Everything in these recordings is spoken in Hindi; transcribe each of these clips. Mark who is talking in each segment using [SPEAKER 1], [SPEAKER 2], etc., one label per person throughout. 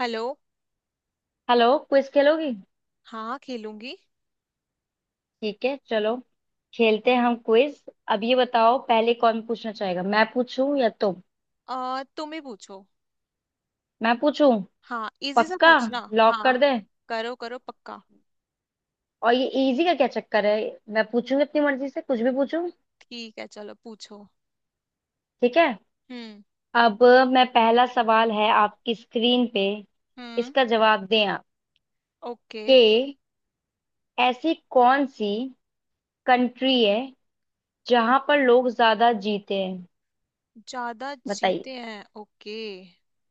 [SPEAKER 1] हेलो।
[SPEAKER 2] हेलो, क्विज खेलोगी।
[SPEAKER 1] हाँ, खेलूंगी।
[SPEAKER 2] ठीक है, चलो खेलते हैं हम क्विज। अब ये बताओ पहले कौन पूछना चाहेगा, मैं पूछूं या तुम।
[SPEAKER 1] तुम ही पूछो।
[SPEAKER 2] मैं पूछूं।
[SPEAKER 1] हाँ, इजी सा
[SPEAKER 2] पक्का।
[SPEAKER 1] पूछना।
[SPEAKER 2] लॉक
[SPEAKER 1] हाँ,
[SPEAKER 2] कर दें।
[SPEAKER 1] करो करो, पक्का।
[SPEAKER 2] और ये इजी का क्या चक्कर है। मैं पूछूंगी अपनी मर्जी से कुछ भी पूछूं।
[SPEAKER 1] ठीक है, चलो पूछो।
[SPEAKER 2] ठीक है।
[SPEAKER 1] हम्म
[SPEAKER 2] अब मैं पहला सवाल है आपकी स्क्रीन पे।
[SPEAKER 1] हम्म।
[SPEAKER 2] इसका जवाब दें आप
[SPEAKER 1] ओके,
[SPEAKER 2] कि ऐसी कौन सी कंट्री है जहां पर लोग ज्यादा जीते हैं।
[SPEAKER 1] ज्यादा
[SPEAKER 2] बताइए।
[SPEAKER 1] जीते हैं, ओके।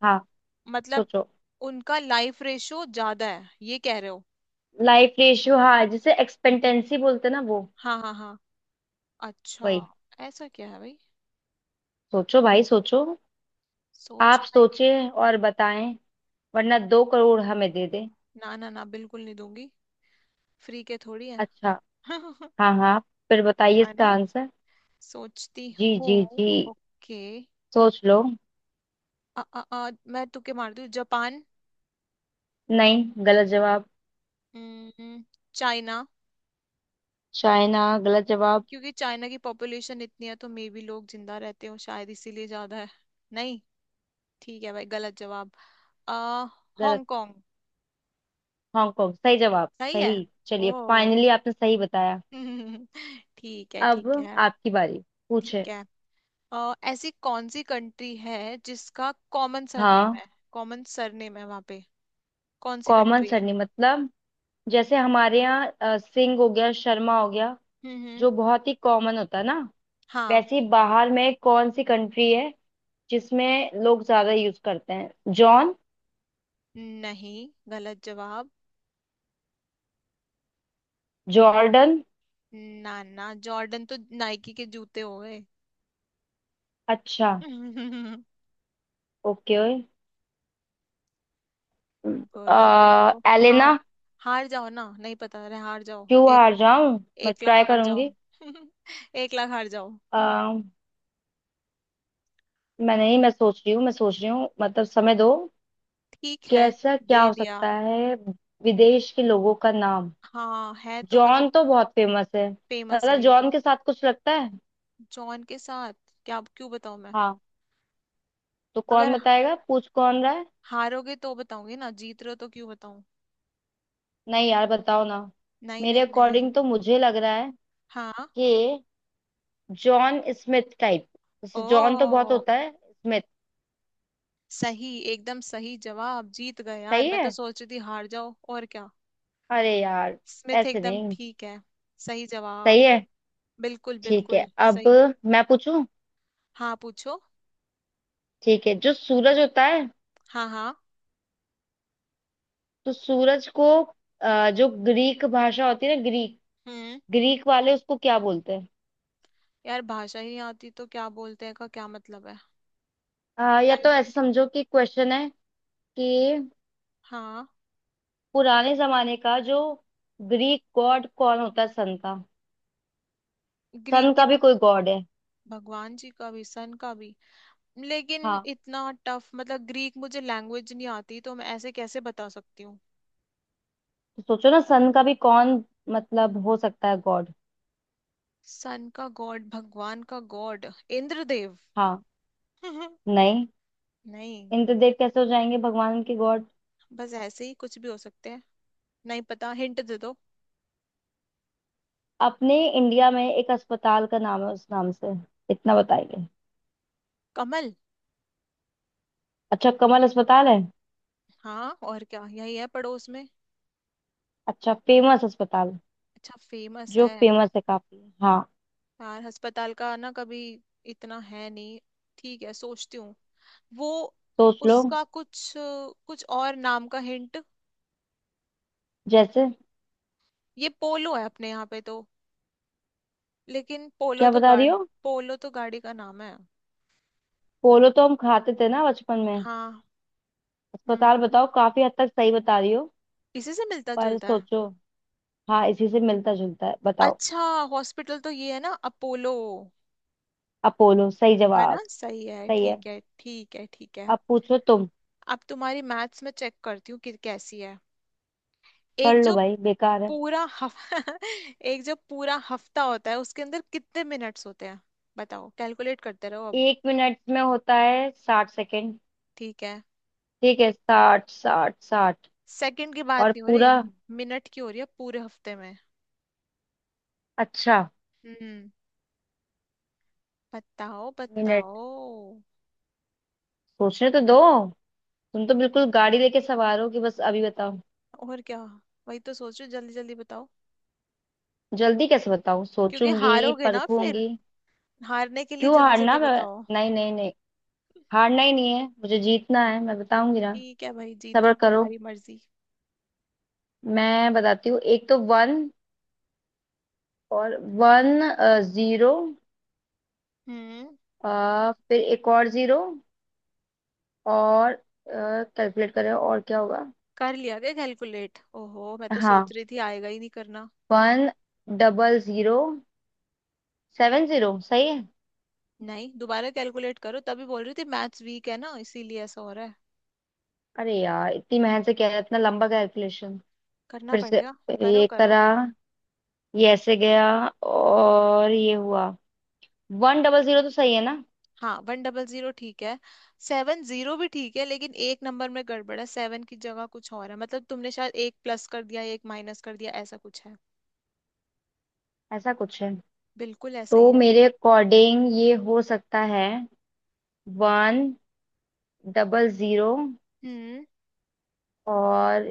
[SPEAKER 2] हाँ,
[SPEAKER 1] मतलब,
[SPEAKER 2] सोचो।
[SPEAKER 1] उनका लाइफ रेशो ज्यादा है, ये कह रहे हो?
[SPEAKER 2] लाइफ रेशियो, हाँ, जिसे एक्सपेक्टेंसी बोलते हैं ना वो।
[SPEAKER 1] हाँ हाँ हाँ। अच्छा,
[SPEAKER 2] वही।
[SPEAKER 1] ऐसा क्या है भाई?
[SPEAKER 2] सोचो भाई सोचो। आप
[SPEAKER 1] सोचना ही।
[SPEAKER 2] सोचे और बताएं, वरना 2 करोड़ हमें दे दे।
[SPEAKER 1] ना ना ना, बिल्कुल नहीं दूंगी। फ्री के थोड़ी है।
[SPEAKER 2] अच्छा। हाँ हाँ, फिर बताइए
[SPEAKER 1] है
[SPEAKER 2] इसका
[SPEAKER 1] ना।
[SPEAKER 2] आंसर।
[SPEAKER 1] सोचती
[SPEAKER 2] जी
[SPEAKER 1] हूँ,
[SPEAKER 2] जी जी।
[SPEAKER 1] ओके।
[SPEAKER 2] सोच लो।
[SPEAKER 1] मैं तुक्के मारती हूँ, जापान।
[SPEAKER 2] नहीं, गलत जवाब।
[SPEAKER 1] हम्म, चाइना।
[SPEAKER 2] चाइना गलत जवाब।
[SPEAKER 1] क्योंकि चाइना की पॉपुलेशन इतनी है, तो मे भी लोग जिंदा रहते हो, शायद इसीलिए ज्यादा है। नहीं, ठीक है भाई, गलत जवाब। आ
[SPEAKER 2] गलत।
[SPEAKER 1] हांगकांग।
[SPEAKER 2] हांगकांग सही जवाब,
[SPEAKER 1] सही है।
[SPEAKER 2] सही। चलिए,
[SPEAKER 1] ओ
[SPEAKER 2] फाइनली आपने सही बताया।
[SPEAKER 1] ठीक है
[SPEAKER 2] अब
[SPEAKER 1] ठीक है
[SPEAKER 2] आपकी बारी। पूछे।
[SPEAKER 1] ठीक है। ऐसी कौन सी कंट्री है जिसका कॉमन सरनेम
[SPEAKER 2] हाँ।
[SPEAKER 1] है? कॉमन सरनेम है वहां पे, कौन सी
[SPEAKER 2] कॉमन
[SPEAKER 1] कंट्री है?
[SPEAKER 2] सरनेम मतलब जैसे हमारे यहाँ सिंह हो गया, शर्मा हो गया,
[SPEAKER 1] हम्म।
[SPEAKER 2] जो बहुत ही कॉमन होता है ना।
[SPEAKER 1] हाँ,
[SPEAKER 2] वैसे ही बाहर में कौन सी कंट्री है जिसमें लोग ज्यादा यूज करते हैं। जॉन।
[SPEAKER 1] नहीं गलत जवाब।
[SPEAKER 2] जॉर्डन।
[SPEAKER 1] ना ना, जॉर्डन तो नाइकी के जूते हो गए।
[SPEAKER 2] अच्छा। ओके।
[SPEAKER 1] बोलो बोलो। हार।
[SPEAKER 2] एलेना।
[SPEAKER 1] हार जाओ ना, नहीं पता रहे हार जाओ,
[SPEAKER 2] क्यों
[SPEAKER 1] एक।
[SPEAKER 2] हार जाऊं, मैं
[SPEAKER 1] 1 लाख
[SPEAKER 2] ट्राई
[SPEAKER 1] हार जाओ।
[SPEAKER 2] करूंगी।
[SPEAKER 1] 1 लाख हार जाओ।
[SPEAKER 2] आ, मैं नहीं, मैं सोच रही हूँ, मैं सोच रही हूँ मतलब समय दो।
[SPEAKER 1] ठीक है,
[SPEAKER 2] कैसा
[SPEAKER 1] दे
[SPEAKER 2] क्या हो
[SPEAKER 1] दिया।
[SPEAKER 2] सकता है। विदेश के लोगों का नाम।
[SPEAKER 1] हाँ, है तो मतलब।
[SPEAKER 2] जॉन तो बहुत फेमस है।
[SPEAKER 1] फेमस
[SPEAKER 2] मतलब
[SPEAKER 1] है ये तो।
[SPEAKER 2] जॉन के साथ कुछ लगता है।
[SPEAKER 1] जॉन के साथ, क्या, क्यों बताऊं मैं?
[SPEAKER 2] हाँ, तो कौन
[SPEAKER 1] अगर
[SPEAKER 2] बताएगा, पूछ कौन रहा।
[SPEAKER 1] हारोगे तो बताऊंगी ना, जीत रहे हो तो क्यों बताऊं?
[SPEAKER 2] नहीं यार, बताओ ना।
[SPEAKER 1] नहीं
[SPEAKER 2] मेरे
[SPEAKER 1] नहीं नहीं।
[SPEAKER 2] अकॉर्डिंग तो मुझे लग रहा है
[SPEAKER 1] हाँ।
[SPEAKER 2] कि जॉन स्मिथ टाइप। जैसे जॉन तो बहुत
[SPEAKER 1] ओ,
[SPEAKER 2] होता है, स्मिथ।
[SPEAKER 1] सही, एकदम सही जवाब, जीत गए यार।
[SPEAKER 2] सही
[SPEAKER 1] मैं तो
[SPEAKER 2] है।
[SPEAKER 1] सोच रही थी हार जाओ, और क्या।
[SPEAKER 2] अरे यार।
[SPEAKER 1] स्मिथ
[SPEAKER 2] ऐसे
[SPEAKER 1] एकदम
[SPEAKER 2] नहीं।
[SPEAKER 1] ठीक है। सही
[SPEAKER 2] सही
[SPEAKER 1] जवाब।
[SPEAKER 2] है।
[SPEAKER 1] बिल्कुल
[SPEAKER 2] ठीक
[SPEAKER 1] बिल्कुल।
[SPEAKER 2] है, अब
[SPEAKER 1] सही।
[SPEAKER 2] मैं पूछूं।
[SPEAKER 1] हाँ, पूछो।
[SPEAKER 2] ठीक है, जो सूरज होता है,
[SPEAKER 1] हाँ हाँ।
[SPEAKER 2] तो सूरज को जो ग्रीक भाषा होती है ना, ग्रीक,
[SPEAKER 1] हम्म।
[SPEAKER 2] ग्रीक वाले उसको क्या बोलते हैं।
[SPEAKER 1] यार, भाषा ही नहीं आती तो क्या बोलते हैं का क्या मतलब है? क्या?
[SPEAKER 2] या तो ऐसे समझो कि क्वेश्चन है कि
[SPEAKER 1] हाँ।
[SPEAKER 2] पुराने जमाने का जो ग्रीक गॉड कौन होता है सन का।
[SPEAKER 1] ग्रीक
[SPEAKER 2] सन
[SPEAKER 1] के?
[SPEAKER 2] का भी कोई गॉड है।
[SPEAKER 1] भगवान जी का भी, सन का भी। लेकिन
[SPEAKER 2] हाँ,
[SPEAKER 1] इतना टफ, मतलब ग्रीक मुझे लैंग्वेज नहीं आती, तो मैं ऐसे कैसे बता सकती हूँ?
[SPEAKER 2] तो सोचो ना, सन का भी कौन, मतलब हो सकता है गॉड।
[SPEAKER 1] सन का गॉड, भगवान का गॉड, इंद्रदेव।
[SPEAKER 2] हाँ। नहीं।
[SPEAKER 1] नहीं।
[SPEAKER 2] इंद्रदेव कैसे हो जाएंगे भगवान के गॉड।
[SPEAKER 1] बस ऐसे ही कुछ भी हो सकते हैं। नहीं पता, हिंट दे दो।
[SPEAKER 2] अपने इंडिया में एक अस्पताल का नाम है उस नाम से। इतना बताइए।
[SPEAKER 1] कमल।
[SPEAKER 2] अच्छा, कमल अस्पताल है।
[SPEAKER 1] हाँ और क्या, यही है पड़ोस में।
[SPEAKER 2] अच्छा, फेमस अस्पताल,
[SPEAKER 1] अच्छा फेमस
[SPEAKER 2] जो
[SPEAKER 1] है।
[SPEAKER 2] फेमस है काफी, हाँ।
[SPEAKER 1] यार अस्पताल का ना कभी इतना है नहीं। ठीक है, सोचती हूँ। वो,
[SPEAKER 2] सोच लो।
[SPEAKER 1] उसका कुछ, कुछ और नाम का हिंट।
[SPEAKER 2] जैसे।
[SPEAKER 1] ये पोलो है अपने यहाँ पे तो, लेकिन पोलो
[SPEAKER 2] क्या
[SPEAKER 1] तो
[SPEAKER 2] बता रही
[SPEAKER 1] गाड़ी।
[SPEAKER 2] हो।
[SPEAKER 1] पोलो तो गाड़ी का नाम है।
[SPEAKER 2] पोलो तो हम खाते थे ना बचपन में।
[SPEAKER 1] हाँ।
[SPEAKER 2] अस्पताल
[SPEAKER 1] हम्म,
[SPEAKER 2] बताओ, काफी हद तक सही बता रही हो।
[SPEAKER 1] इसी से मिलता
[SPEAKER 2] पर
[SPEAKER 1] जुलता है।
[SPEAKER 2] सोचो। हाँ, इसी से मिलता जुलता है, बताओ।
[SPEAKER 1] अच्छा, हॉस्पिटल तो ये है ना, अपोलो।
[SPEAKER 2] अपोलो सही
[SPEAKER 1] है ना,
[SPEAKER 2] जवाब।
[SPEAKER 1] सही है,
[SPEAKER 2] सही है।
[SPEAKER 1] ठीक है ठीक है ठीक है।
[SPEAKER 2] अब पूछो तुम।
[SPEAKER 1] अब तुम्हारी मैथ्स में चेक करती हूँ कि कैसी है।
[SPEAKER 2] कर
[SPEAKER 1] एक
[SPEAKER 2] लो
[SPEAKER 1] जो
[SPEAKER 2] भाई, बेकार है।
[SPEAKER 1] पूरा हफ एक जो पूरा हफ्ता होता है उसके अंदर कितने मिनट्स होते हैं? बताओ, कैलकुलेट करते रहो अब।
[SPEAKER 2] 1 मिनट में होता है 60 सेकंड।
[SPEAKER 1] ठीक है।
[SPEAKER 2] ठीक है, 60 60 60।
[SPEAKER 1] सेकंड की बात
[SPEAKER 2] और
[SPEAKER 1] नहीं हो रही,
[SPEAKER 2] पूरा।
[SPEAKER 1] मिनट की हो रही है, पूरे हफ्ते में।
[SPEAKER 2] अच्छा।
[SPEAKER 1] हम्म। बताओ
[SPEAKER 2] मिनट।
[SPEAKER 1] बताओ।
[SPEAKER 2] सोचने तो दो। तुम तो बिल्कुल गाड़ी लेके सवार हो कि बस अभी बताओ।
[SPEAKER 1] और क्या, वही तो सोच रही हूँ, जल्दी जल्दी बताओ।
[SPEAKER 2] जल्दी कैसे बताऊं,
[SPEAKER 1] क्योंकि
[SPEAKER 2] सोचूंगी
[SPEAKER 1] हारोगे ना फिर,
[SPEAKER 2] परखूंगी।
[SPEAKER 1] हारने के लिए
[SPEAKER 2] क्यों
[SPEAKER 1] जल्दी
[SPEAKER 2] हारना
[SPEAKER 1] जल्दी
[SPEAKER 2] मैं।
[SPEAKER 1] बताओ।
[SPEAKER 2] नहीं नहीं नहीं, हारना ही नहीं है, मुझे जीतना है, मैं बताऊंगी ना।
[SPEAKER 1] ठीक है भाई, जीतो,
[SPEAKER 2] सब्र करो।
[SPEAKER 1] तुम्हारी मर्जी।
[SPEAKER 2] मैं बताती हूँ, एक तो वन और वन जीरो,
[SPEAKER 1] हम्म।
[SPEAKER 2] फिर एक और जीरो और कैलकुलेट करें और क्या होगा।
[SPEAKER 1] कर लिया क्या कैलकुलेट? ओहो, मैं तो सोच
[SPEAKER 2] हाँ,
[SPEAKER 1] रही थी आएगा ही नहीं, करना।
[SPEAKER 2] One double zero seven zero सही है।
[SPEAKER 1] नहीं, दोबारा कैलकुलेट करो, तभी बोल रही थी मैथ्स वीक है ना, इसीलिए ऐसा हो रहा है।
[SPEAKER 2] अरे यार, इतनी मेहनत से किया है, इतना लंबा कैलकुलेशन
[SPEAKER 1] करना
[SPEAKER 2] फिर से।
[SPEAKER 1] पड़ेगा। करो
[SPEAKER 2] ये
[SPEAKER 1] करो।
[SPEAKER 2] करा, ये ऐसे गया और ये हुआ। वन डबल जीरो तो सही है ना।
[SPEAKER 1] हाँ, 100 ठीक है, 70 भी ठीक है, लेकिन एक नंबर में गड़बड़ है, सेवन की जगह कुछ और है। मतलब तुमने शायद एक प्लस कर दिया, एक माइनस कर दिया, ऐसा कुछ है।
[SPEAKER 2] ऐसा कुछ है,
[SPEAKER 1] बिल्कुल ऐसा ही
[SPEAKER 2] तो
[SPEAKER 1] है।
[SPEAKER 2] मेरे अकॉर्डिंग ये हो सकता है, वन डबल जीरो
[SPEAKER 1] हम्म।
[SPEAKER 2] और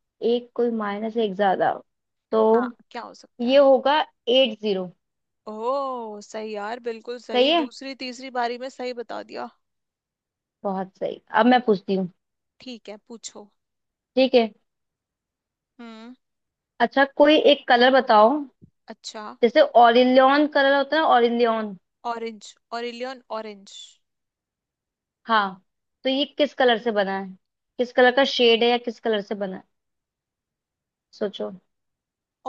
[SPEAKER 2] एक कोई माइनस एक ज्यादा, तो
[SPEAKER 1] हाँ, क्या हो सकता
[SPEAKER 2] ये
[SPEAKER 1] है?
[SPEAKER 2] होगा एट जीरो।
[SPEAKER 1] ओह सही यार, बिल्कुल
[SPEAKER 2] सही
[SPEAKER 1] सही,
[SPEAKER 2] है।
[SPEAKER 1] दूसरी तीसरी बारी में सही बता दिया।
[SPEAKER 2] बहुत सही, अब मैं पूछती हूँ।
[SPEAKER 1] ठीक है, पूछो।
[SPEAKER 2] ठीक है।
[SPEAKER 1] हम्म।
[SPEAKER 2] अच्छा, कोई एक कलर बताओ।
[SPEAKER 1] अच्छा,
[SPEAKER 2] जैसे ऑरिलियन कलर होता है ऑरिलियन।
[SPEAKER 1] ऑरेंज। Aurelian orange.
[SPEAKER 2] हाँ, तो ये किस कलर से बना है। किस कलर का शेड है या किस कलर से बना है। सोचो।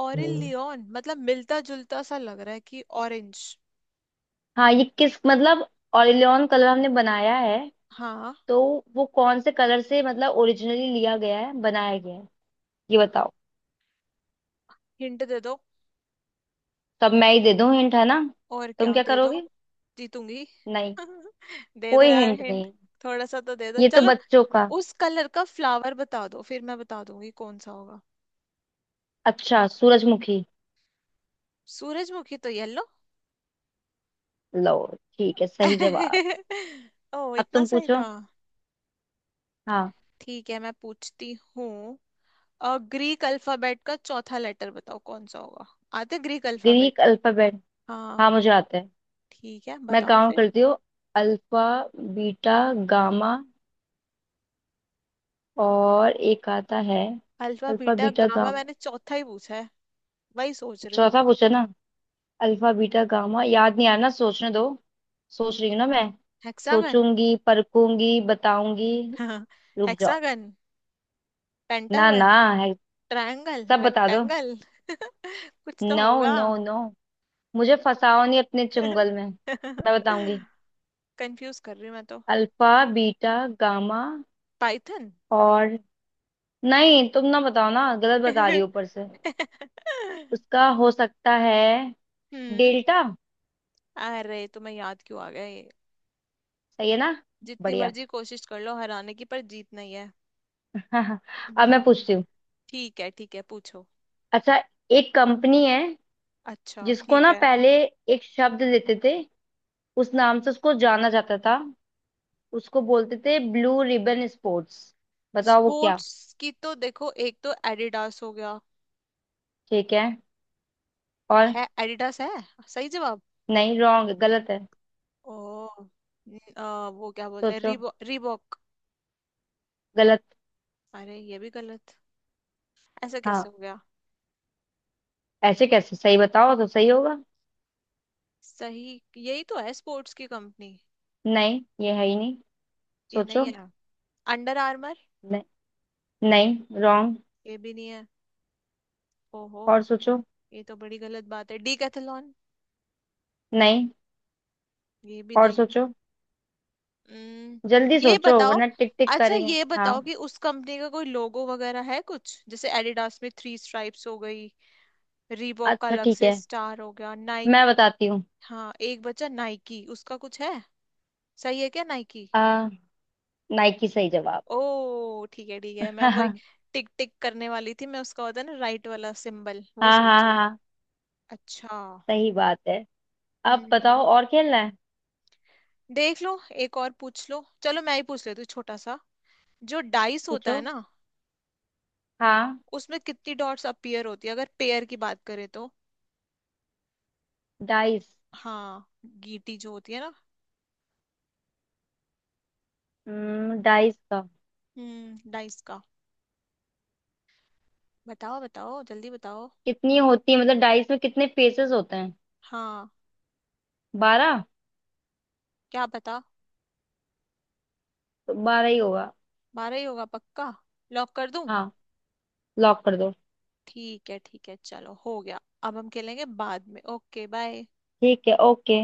[SPEAKER 1] ऑरिल
[SPEAKER 2] हम्म।
[SPEAKER 1] लियोन, मतलब मिलता जुलता सा लग रहा है कि ऑरेंज।
[SPEAKER 2] हाँ, ये किस मतलब ऑरिलियन कलर हमने बनाया है,
[SPEAKER 1] हाँ।
[SPEAKER 2] तो वो कौन से कलर से मतलब ओरिजिनली लिया गया है, बनाया गया है, ये बताओ।
[SPEAKER 1] हिंट दे दो।
[SPEAKER 2] तब मैं ही दे दूँ हिंट, है ना।
[SPEAKER 1] और
[SPEAKER 2] तुम
[SPEAKER 1] क्या
[SPEAKER 2] क्या
[SPEAKER 1] दे दो।
[SPEAKER 2] करोगे।
[SPEAKER 1] जीतूंगी।
[SPEAKER 2] नहीं,
[SPEAKER 1] दे दो
[SPEAKER 2] कोई
[SPEAKER 1] यार
[SPEAKER 2] हिंट
[SPEAKER 1] हिंट।
[SPEAKER 2] नहीं।
[SPEAKER 1] थोड़ा सा तो दे दो,
[SPEAKER 2] ये तो
[SPEAKER 1] चलो।
[SPEAKER 2] बच्चों का।
[SPEAKER 1] उस कलर का फ्लावर बता दो, फिर मैं बता दूंगी कौन सा होगा।
[SPEAKER 2] अच्छा, सूरजमुखी।
[SPEAKER 1] सूरजमुखी तो येलो।
[SPEAKER 2] लो, ठीक है सही जवाब।
[SPEAKER 1] ओ,
[SPEAKER 2] अब
[SPEAKER 1] इतना
[SPEAKER 2] तुम
[SPEAKER 1] सही
[SPEAKER 2] पूछो।
[SPEAKER 1] था।
[SPEAKER 2] हाँ।
[SPEAKER 1] ठीक है, मैं पूछती हूँ। ग्रीक अल्फाबेट का चौथा लेटर बताओ, कौन सा होगा? आते ग्रीक
[SPEAKER 2] ग्रीक
[SPEAKER 1] अल्फाबेट?
[SPEAKER 2] अल्फाबेट, हाँ
[SPEAKER 1] हाँ,
[SPEAKER 2] मुझे आता है।
[SPEAKER 1] ठीक है
[SPEAKER 2] मैं
[SPEAKER 1] बताओ।
[SPEAKER 2] काउंट करती हूँ। अल्फा, बीटा, गामा, और एक आता है।
[SPEAKER 1] Alpha
[SPEAKER 2] alpha
[SPEAKER 1] beta
[SPEAKER 2] beta
[SPEAKER 1] gamma,
[SPEAKER 2] gamma.
[SPEAKER 1] मैंने चौथा ही पूछा है, वही सोच रहे हो।
[SPEAKER 2] चौथा पूछा ना। अल्फा बीटा गामा याद नहीं आ रहा ना, सोचने दो। सोच रही हूँ ना मैं।
[SPEAKER 1] हेक्सागन।
[SPEAKER 2] सोचूंगी परखूंगी बताऊंगी। रुक जाओ।
[SPEAKER 1] हेक्सागन।
[SPEAKER 2] ना ना।
[SPEAKER 1] पेंटागन।
[SPEAKER 2] है।
[SPEAKER 1] ट्रायंगल
[SPEAKER 2] सब बता दो।
[SPEAKER 1] रेक्टेंगल कुछ तो
[SPEAKER 2] नो
[SPEAKER 1] होगा।
[SPEAKER 2] नो नो, मुझे फंसाओ नहीं अपने चुंगल में, मैं बताऊंगी।
[SPEAKER 1] कंफ्यूज कर रही हूँ मैं तो।
[SPEAKER 2] Alpha beta gamma
[SPEAKER 1] python.
[SPEAKER 2] और। नहीं, तुम ना बताओ ना, गलत बता रही हो ऊपर से। उसका हो सकता है
[SPEAKER 1] हम्म।
[SPEAKER 2] डेल्टा।
[SPEAKER 1] अरे, तुम्हें याद क्यों आ गया ये?
[SPEAKER 2] सही है ना।
[SPEAKER 1] जितनी
[SPEAKER 2] बढ़िया।
[SPEAKER 1] मर्जी कोशिश कर लो हराने की, पर जीत नहीं है।
[SPEAKER 2] अब मैं
[SPEAKER 1] हम्म।
[SPEAKER 2] पूछती हूँ।
[SPEAKER 1] ठीक है ठीक है, पूछो।
[SPEAKER 2] अच्छा, एक कंपनी है
[SPEAKER 1] अच्छा,
[SPEAKER 2] जिसको
[SPEAKER 1] ठीक
[SPEAKER 2] ना
[SPEAKER 1] है।
[SPEAKER 2] पहले एक शब्द देते थे उस नाम से उसको जाना जाता था। उसको बोलते थे ब्लू रिबन स्पोर्ट्स। बताओ वो क्या।
[SPEAKER 1] स्पोर्ट्स की तो देखो, एक तो एडिडास हो गया।
[SPEAKER 2] ठीक है। और।
[SPEAKER 1] है, एडिडास है, सही जवाब।
[SPEAKER 2] नहीं, रॉन्ग, गलत है।
[SPEAKER 1] ओ। वो क्या बोलते हैं,
[SPEAKER 2] सोचो।
[SPEAKER 1] Reebok, Reebok.
[SPEAKER 2] गलत।
[SPEAKER 1] अरे, ये भी गलत, ऐसा कैसे
[SPEAKER 2] हाँ,
[SPEAKER 1] हो गया?
[SPEAKER 2] ऐसे कैसे, सही बताओ तो सही होगा।
[SPEAKER 1] सही, यही तो है स्पोर्ट्स की कंपनी।
[SPEAKER 2] नहीं, ये है ही नहीं।
[SPEAKER 1] ये नहीं
[SPEAKER 2] सोचो।
[SPEAKER 1] है? Under Armour.
[SPEAKER 2] नहीं। नहीं, रॉन्ग।
[SPEAKER 1] ये भी नहीं है? ओहो।
[SPEAKER 2] और सोचो।
[SPEAKER 1] ये तो बड़ी गलत बात है। डीकैथलॉन।
[SPEAKER 2] नहीं।
[SPEAKER 1] ये भी
[SPEAKER 2] और
[SPEAKER 1] नहीं।
[SPEAKER 2] सोचो।
[SPEAKER 1] हम्म,
[SPEAKER 2] जल्दी
[SPEAKER 1] ये
[SPEAKER 2] सोचो,
[SPEAKER 1] बताओ,
[SPEAKER 2] वरना टिक टिक
[SPEAKER 1] अच्छा
[SPEAKER 2] करेंगे,
[SPEAKER 1] ये
[SPEAKER 2] हाँ।
[SPEAKER 1] बताओ कि उस कंपनी का कोई लोगो वगैरह है कुछ, जैसे एडिडास में 3 स्ट्राइप्स हो गई, रीबॉक का
[SPEAKER 2] अच्छा
[SPEAKER 1] अलग
[SPEAKER 2] ठीक
[SPEAKER 1] से
[SPEAKER 2] है,
[SPEAKER 1] स्टार हो गया, नाइक।
[SPEAKER 2] मैं बताती हूँ।
[SPEAKER 1] हाँ, एक बचा नाइकी, उसका कुछ है, सही है क्या नाइकी?
[SPEAKER 2] आ नाइकी सही जवाब।
[SPEAKER 1] ओ, ठीक है ठीक है। मैं वही
[SPEAKER 2] हाँ।
[SPEAKER 1] टिक टिक करने वाली थी, मैं, उसका होता है ना राइट वाला सिंबल, वो
[SPEAKER 2] हाँ हाँ
[SPEAKER 1] सोच रही थी।
[SPEAKER 2] हाँ।
[SPEAKER 1] अच्छा।
[SPEAKER 2] सही बात है। अब
[SPEAKER 1] हम्म।
[SPEAKER 2] बताओ, और खेलना है।
[SPEAKER 1] देख लो, एक और पूछ लो, चलो मैं ही पूछ लेती हूँ छोटा सा। जो डाइस होता
[SPEAKER 2] पूछो।
[SPEAKER 1] है ना,
[SPEAKER 2] हाँ।
[SPEAKER 1] उसमें कितनी डॉट्स अपीयर होती है, अगर पेयर की बात करें तो?
[SPEAKER 2] डाइस।
[SPEAKER 1] हाँ, गीटी जो होती है ना।
[SPEAKER 2] डाइस का।
[SPEAKER 1] हम्म, डाइस का। बताओ बताओ, जल्दी बताओ।
[SPEAKER 2] कितनी होती है मतलब डाइस में कितने फेसेस होते हैं।
[SPEAKER 1] हाँ,
[SPEAKER 2] 12।
[SPEAKER 1] क्या बता,
[SPEAKER 2] तो 12 ही होगा।
[SPEAKER 1] 12 ही होगा पक्का? लॉक कर दूं?
[SPEAKER 2] हाँ, लॉक कर दो।
[SPEAKER 1] ठीक है ठीक है, चलो हो गया, अब हम खेलेंगे बाद में। Okay, bye.
[SPEAKER 2] ठीक है, ओके।